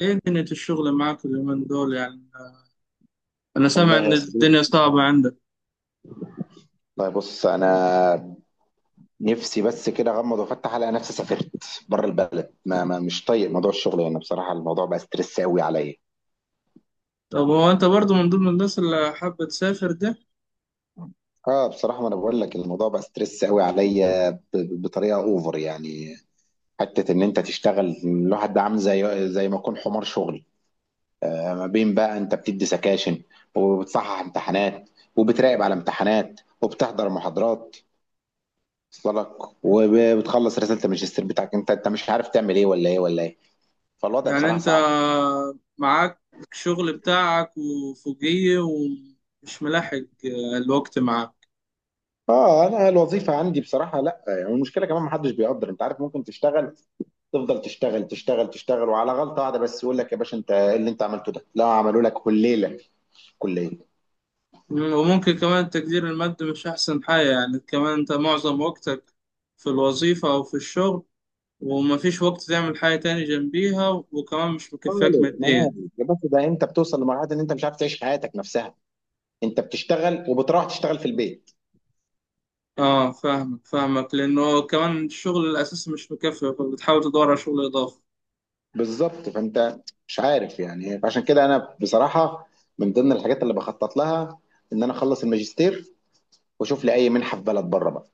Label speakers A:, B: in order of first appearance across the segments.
A: ايه دنيا الشغل معاك اليومين دول يعني؟ انا سامع
B: والله
A: ان
B: يا صديقي،
A: الدنيا صعبة عندك.
B: طيب بص انا نفسي بس كده اغمض وافتح الاقي نفسي سافرت بره البلد. ما مش طايق موضوع الشغل، يعني بصراحه الموضوع بقى ستريس قوي عليا.
A: طب هو انت برضو من ضمن الناس اللي حابة تسافر ده؟
B: اه، بصراحه ما انا بقول لك الموضوع بقى ستريس قوي عليا بطريقه اوفر يعني. حته ان انت تشتغل الواحد ده عامل زي ما يكون حمار شغل، ما بين بقى انت بتدي سكاشن وبتصحح امتحانات وبتراقب على امتحانات وبتحضر محاضرات وصلك، وبتخلص رساله الماجستير بتاعك، انت مش عارف تعمل ايه ولا ايه ولا ايه، فالوضع
A: يعني
B: بصراحه
A: انت
B: صعب.
A: معاك شغل بتاعك وفوقيه ومش ملاحق الوقت معاك.
B: اه، انا الوظيفه عندي بصراحه لا، يعني المشكله كمان ما حدش بيقدر، انت عارف ممكن تشتغل تفضل تشتغل تشتغل تشتغل، وعلى غلطه واحده بس يقول لك يا باشا انت ايه اللي انت عملته ده، لا عملوا لك كليله في الكليه
A: وممكن كمان تقدير المادي مش احسن حاجة، يعني كمان انت معظم وقتك في الوظيفة او في الشغل، ومفيش وقت تعمل حاجة تاني جنبيها، وكمان مش مكفاك
B: خالص. ما،
A: ماديا.
B: يا باشا ده انت بتوصل لمرحله ان انت مش عارف تعيش حياتك نفسها، انت بتشتغل وبتروح تشتغل في البيت.
A: اه، فاهمك فاهمك، لانه كمان الشغل الاساسي مش مكفي، فبتحاول تدور على شغل اضافي.
B: بالظبط، فانت مش عارف يعني، عشان كده انا بصراحه من ضمن الحاجات اللي بخطط لها ان انا اخلص الماجستير واشوف لي اي منحه في بلد بره بقى،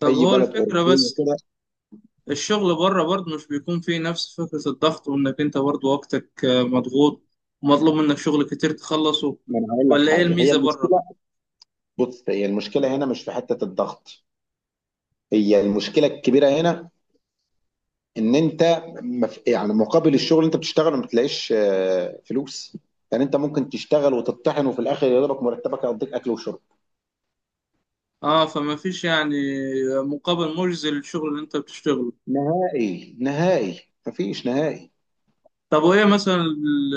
A: طب
B: اي
A: هو
B: بلد
A: الفكره
B: اوروبيه
A: بس،
B: كده.
A: الشغل بره برضه مش بيكون فيه نفس فكره الضغط، وانك انت برضه وقتك مضغوط ومطلوب منك شغل كتير تخلصه؟
B: ما انا هقول لك
A: ولا ايه
B: حاجه، هي
A: الميزه بره؟
B: المشكله، بص هي المشكله هنا مش في حته الضغط، هي المشكله الكبيره هنا ان انت يعني مقابل الشغل اللي انت بتشتغله ما بتلاقيش فلوس، يعني انت ممكن تشتغل وتطحن وفي الاخر يضربك مرتبك يقضيك اكل وشرب،
A: اه، فما فيش يعني مقابل مجزي للشغل اللي انت بتشتغله.
B: نهائي نهائي، مفيش نهائي.
A: طب وإيه مثلا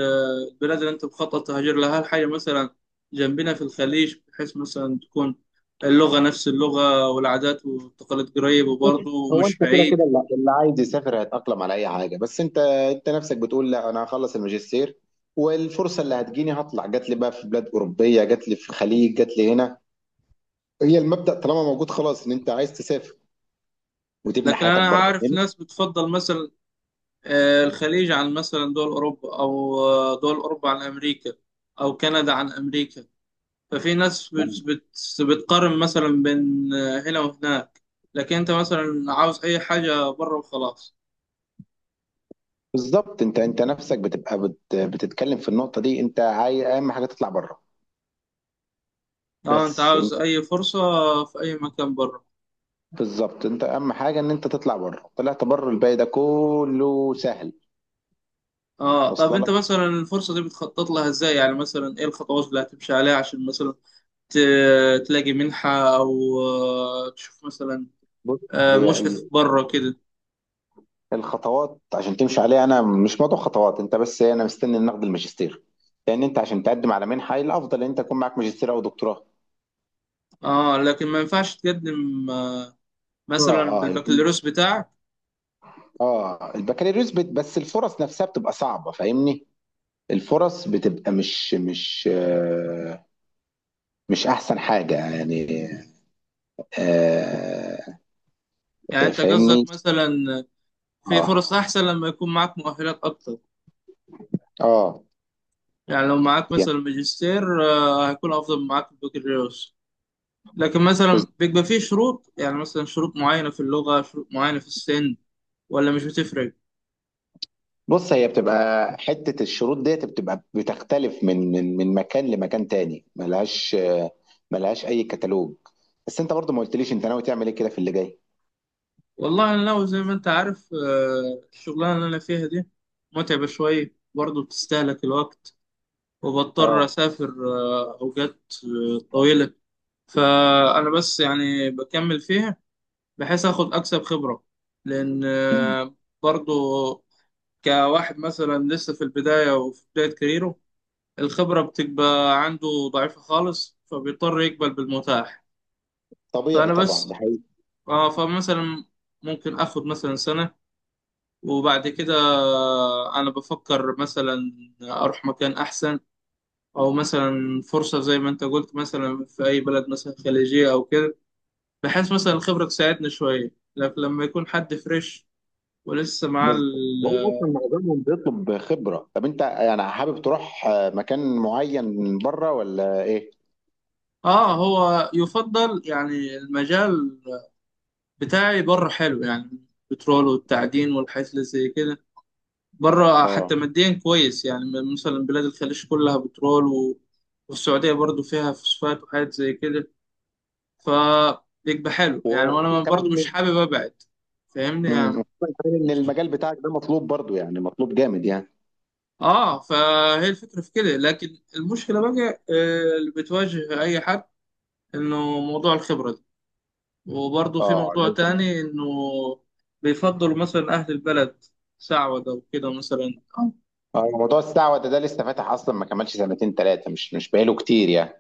A: البلاد اللي أنت مخطط تهاجر لها؟ هل حاجة مثلا جنبنا في الخليج، بحيث مثلا تكون اللغة نفس اللغة والعادات والتقاليد قريب وبرضه
B: هو
A: مش
B: انت كده
A: بعيد؟
B: كده اللي عايز يسافر هيتاقلم على اي حاجه، بس انت نفسك بتقول لا انا هخلص الماجستير، والفرصه اللي هتجيني هطلع، جات لي بقى في بلاد اوروبيه جات لي في الخليج جات لي هنا، هي المبدأ طالما موجود خلاص ان انت عايز تسافر وتبني
A: لكن
B: حياتك
A: أنا
B: بره
A: عارف
B: يعني.
A: ناس بتفضل مثلا الخليج عن مثلا دول أوروبا، أو دول أوروبا عن أمريكا، أو كندا عن أمريكا. ففي ناس
B: ما-
A: بت بت بتقارن مثلا بين هنا وهناك، لكن أنت مثلا عاوز أي حاجة بره وخلاص.
B: بالظبط، انت نفسك بتبقى بتتكلم في النقطة دي، انت عايز اهم حاجة تطلع بره.
A: اه، انت
B: بس
A: عاوز
B: انت
A: اي فرصة في اي مكان بره.
B: بالظبط، انت اهم حاجة ان انت تطلع بره، طلعت بره الباقي ده كله سهل،
A: اه، طب
B: واصله
A: انت
B: لك.
A: مثلا الفرصة دي بتخطط لها ازاي؟ يعني مثلا ايه الخطوات اللي هتمشي عليها عشان مثلا تلاقي منحة، او تشوف مثلا
B: بص، هي
A: مشرف بره كده؟
B: الخطوات عشان تمشي عليها، انا مش موضوع خطوات، انت بس انا مستني إن ناخد الماجستير، لان انت عشان تقدم على منحة الافضل ان انت يكون معاك ماجستير او دكتوراه.
A: اه، لكن ما ينفعش تقدم
B: اه،
A: مثلا
B: اه،
A: بالبكالوريوس بتاعك؟
B: اه، البكالوريوس بس الفرص نفسها بتبقى صعبة، فاهمني. الفرص بتبقى مش احسن حاجة يعني. آه،
A: يعني
B: آه،
A: انت قصدك
B: فاهمني.
A: مثلا في
B: اه،
A: فرص احسن لما يكون معاك مؤهلات اكتر؟
B: اه،
A: يعني لو معاك
B: يعني
A: مثلا ماجستير هيكون افضل من معاك البكالوريوس. لكن
B: بز-
A: مثلا بيبقى فيه شروط؟ يعني مثلا شروط معينة في اللغة، شروط معينة في السن، ولا مش بتفرق؟
B: بص هي بتبقى حتة الشروط ديت بتبقى بتختلف من مكان لمكان تاني، ملهاش ملهاش اي كتالوج. بس انت برضو ما قلتليش انت ناوي تعمل ايه كده في اللي جاي.
A: والله أنا لو زي ما أنت عارف الشغلانة اللي أنا فيها دي متعبة شوية، برضه بتستهلك الوقت، وبضطر
B: اه،
A: أسافر أوقات طويلة. فأنا بس يعني بكمل فيها، بحيث آخد أكسب خبرة، لأن
B: مم.
A: برضه كواحد مثلا لسه في البداية وفي بداية كاريره، الخبرة بتبقى عنده ضعيفة خالص، فبيضطر يقبل بالمتاح.
B: طبيعي
A: فأنا
B: طبعا
A: بس
B: ده.
A: فمثلا ممكن آخد مثلا سنة، وبعد كده أنا بفكر مثلا أروح مكان أحسن، أو مثلا فرصة زي ما أنت قلت مثلا في أي بلد مثلا خليجية أو كده، بحيث مثلا الخبرة تساعدني شوية. لكن لما يكون حد فريش ولسه مع
B: بس
A: ال
B: هو اصلا معظمهم بيطلب خبره، طب انت يعني حابب تروح مكان معين من بره ولا ايه؟
A: آه هو يفضل يعني المجال بتاعي بره حلو يعني، البترول والتعدين والحاجات اللي زي كده، بره حتى
B: اه،
A: ماديا كويس يعني. مثلا بلاد الخليج كلها بترول والسعودية برضو فيها فوسفات وحاجات زي كده، فبيبقى حلو يعني. وانا
B: وكمان
A: برضو مش
B: ان
A: حابب ابعد، فاهمني
B: مم،
A: يعني.
B: وخصوصاً كمان ان
A: مش
B: المجال بتاعك ده مطلوب برضو، يعني مطلوب جامد يعني.
A: اه فهي الفكرة في كده. لكن المشكلة بقى اللي بتواجه اي حد، انه موضوع الخبرة دي، وبرضو في
B: اه
A: موضوع
B: لازم.
A: تاني، انه بيفضلوا مثلا اهل البلد، سعودة وكده مثلا.
B: اه، موضوع السعوده ده لسه فاتح اصلا ما كملش سنتين ثلاثه، مش بقاله كتير يعني.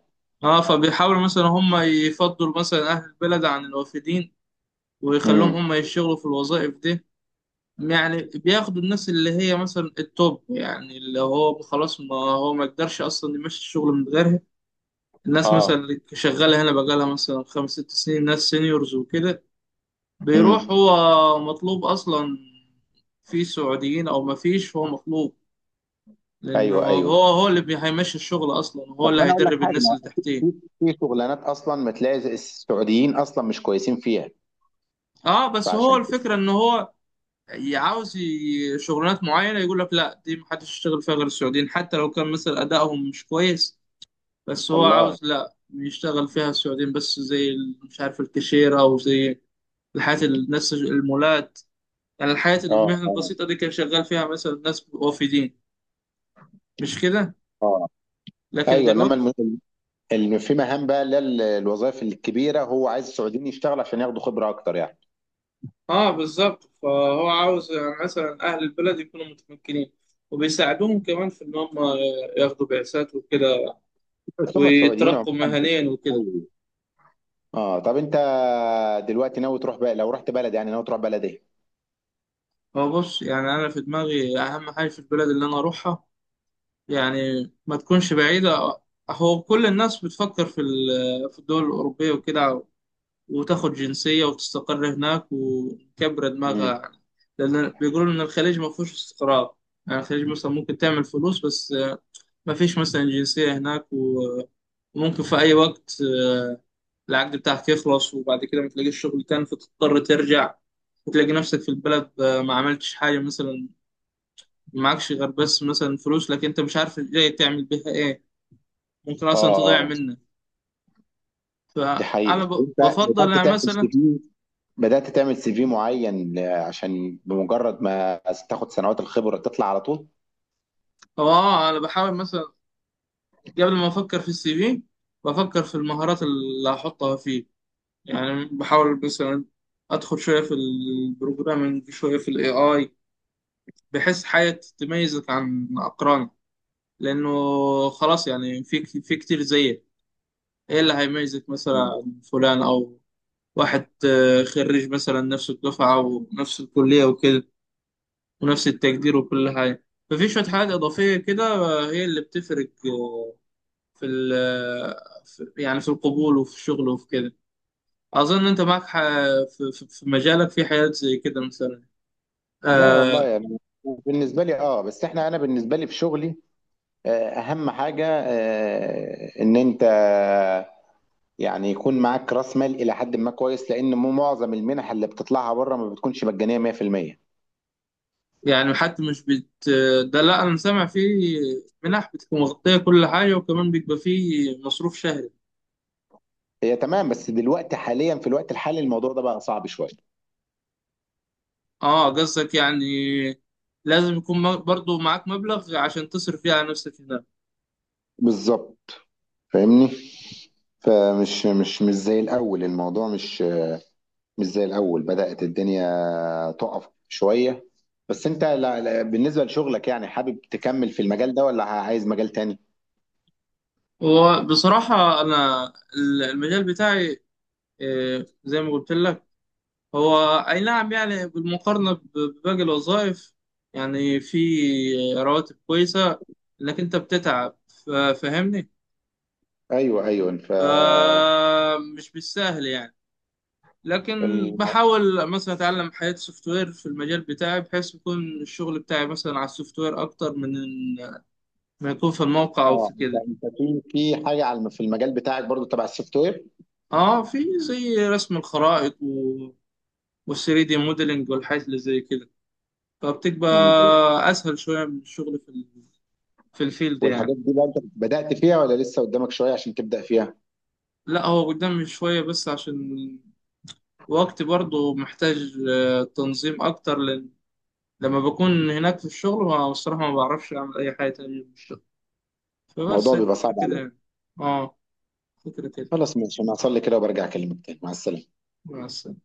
A: اه، فبيحاولوا مثلا هم يفضلوا مثلا اهل البلد عن الوافدين، ويخلوهم
B: امم،
A: هم يشتغلوا في الوظائف دي. يعني بياخدوا الناس اللي هي مثلا التوب، يعني اللي هو خلاص، ما هو ما يقدرش اصلا يمشي الشغل من غيرها. الناس مثلا
B: اه،
A: اللي شغاله هنا بقالها مثلا خمس ست سنين، ناس سينيورز وكده، بيروح
B: امم.
A: هو مطلوب اصلا. في سعوديين او ما فيش، هو مطلوب، لانه
B: ايوه، ايوه،
A: هو هو اللي هيمشي الشغل اصلا، هو
B: طب
A: اللي
B: ما انا اقول لك
A: هيدرب
B: حاجه،
A: الناس
B: ما
A: اللي
B: في
A: تحتيه.
B: في شغلانات اصلا ما تلاقي السعوديين اصلا مش كويسين فيها،
A: اه، بس هو
B: فعشان كده.
A: الفكره ان هو عاوز شغلانات معينة. يقول لك لا، دي محدش يشتغل فيها غير السعوديين، حتى لو كان مثلا أدائهم مش كويس. بس هو
B: والله.
A: عاوز لا يشتغل فيها السعوديين بس، زي مش عارف الكاشيرة، أو زي الحياة الناس المولات، يعني الحياة
B: اه،
A: المهنة
B: اه،
A: البسيطة دي كان شغال فيها مثلا ناس وافدين، مش كده؟
B: اه،
A: لكن
B: ايوه، انما
A: دلوقتي.
B: في مهام بقى اللي هي الوظائف الكبيره هو عايز السعوديين يشتغل عشان ياخدوا خبره اكتر يعني.
A: اه، بالظبط، فهو عاوز يعني مثلا أهل البلد يكونوا متمكنين، وبيساعدوهم كمان في إن هم ياخدوا بعثات وكده،
B: بس هم السعوديين
A: ويترقوا
B: عموما
A: مهنيا وكده.
B: بيشتغلوا. اه، طب انت دلوقتي ناوي تروح بقى، لو رحت بلد يعني ناوي تروح بلد ايه؟
A: هو بص، يعني انا في دماغي اهم حاجه في البلد اللي انا اروحها، يعني ما تكونش بعيده. هو كل الناس بتفكر في في الدول الاوروبيه وكده، وتاخد جنسيه وتستقر هناك وتكبر دماغها
B: مم.
A: يعني، لان بيقولوا ان الخليج ما فيهوش استقرار. يعني الخليج مثلا ممكن تعمل فلوس بس، ما فيش مثلا جنسيه هناك وممكن في اي وقت العقد بتاعك يخلص، وبعد كده ما تلاقيش شغل تاني، فتضطر ترجع، وتلاقي نفسك في البلد ما عملتش حاجة مثلا، معكش غير بس مثلا فلوس، لكن انت مش عارف ازاي تعمل بيها ايه. ممكن
B: اه،
A: اصلا تضيع
B: اه،
A: منك.
B: دي
A: فانا
B: حقيقة، انت
A: بفضل
B: بدأت
A: يعني
B: تعمل
A: مثلا.
B: سي في بدأت تعمل سي في معين عشان بمجرد ما تاخد سنوات الخبرة تطلع على طول؟
A: هو اه، انا بحاول مثلا قبل ما افكر في السي في، بفكر في المهارات اللي هحطها فيه. يعني بحاول مثلا ادخل شويه في البروجرامنج، شويه في الاي اي، بحيث حاجه تميزك عن اقرانك، لانه خلاص يعني في كتير زيك. ايه اللي هيميزك مثلا
B: مم.
A: عن فلان، او واحد خريج مثلا نفس الدفعة ونفس الكلية وكده ونفس التقدير وكل حاجة؟ ففي شوية حاجات إضافية كده هي اللي بتفرق في يعني في القبول وفي الشغل وفي كده. أظن أنت معك في في مجالك في حاجات زي كده مثلا
B: لا والله
A: آه،
B: يعني بالنسبة لي، اه، بس انا بالنسبة لي في شغلي اهم حاجه ان انت يعني يكون معاك راس مال الى حد ما كويس، لان مو معظم المنح اللي بتطلعها بره ما بتكونش مجانيه 100%.
A: يعني حتى مش بت ده لا، أنا سامع فيه منح بتبقى مغطية كل حاجة، وكمان بيبقى فيه مصروف شهري.
B: هي تمام، بس دلوقتي حاليا في الوقت الحالي الموضوع ده بقى صعب شويه.
A: اه، قصدك يعني لازم يكون برضو معاك مبلغ عشان تصرف فيه على نفسك هناك؟
B: بالظبط، فاهمني. فمش مش مش زي الاول، الموضوع مش زي الاول، بدأت الدنيا تقف شويه. بس انت، لا لا، بالنسبه لشغلك يعني حابب تكمل في المجال ده ولا عايز مجال تاني؟
A: وبصراحة أنا المجال بتاعي زي ما قلت لك، هو أي نعم، يعني بالمقارنة بباقي الوظائف يعني في رواتب كويسة، لكن أنت بتتعب، فاهمني.
B: ايوه، ايوه، ف
A: فمش بالسهل يعني. لكن بحاول مثلا أتعلم حياة سوفت وير في المجال بتاعي، بحيث يكون الشغل بتاعي مثلا على السوفت وير أكتر من ما يكون في الموقع او
B: اه
A: في
B: انت
A: كده.
B: في حاجه في المجال بتاعك برضو تبع السوفت وير.
A: اه، في زي رسم الخرائط والثري دي موديلنج والحاجات اللي زي كده، فبتبقى
B: مم.
A: اسهل شويه من الشغل في في الفيلد يعني.
B: والحاجات دي بقى انت بدأت فيها ولا لسه قدامك شويه عشان تبدأ فيها.
A: لا، هو قدامي شويه، بس عشان وقتي برضو محتاج تنظيم اكتر، لان لما بكون هناك في الشغل، ما الصراحه ما بعرفش اعمل اي حاجه تانية في الشغل. فبس
B: الموضوع بيبقى
A: الفكره
B: صعب
A: كده
B: عليك.
A: يعني. اه، فكره كده
B: خلاص ماشي، انا هصلي كده وبرجع اكلمك تاني، مع السلامه.
A: بس.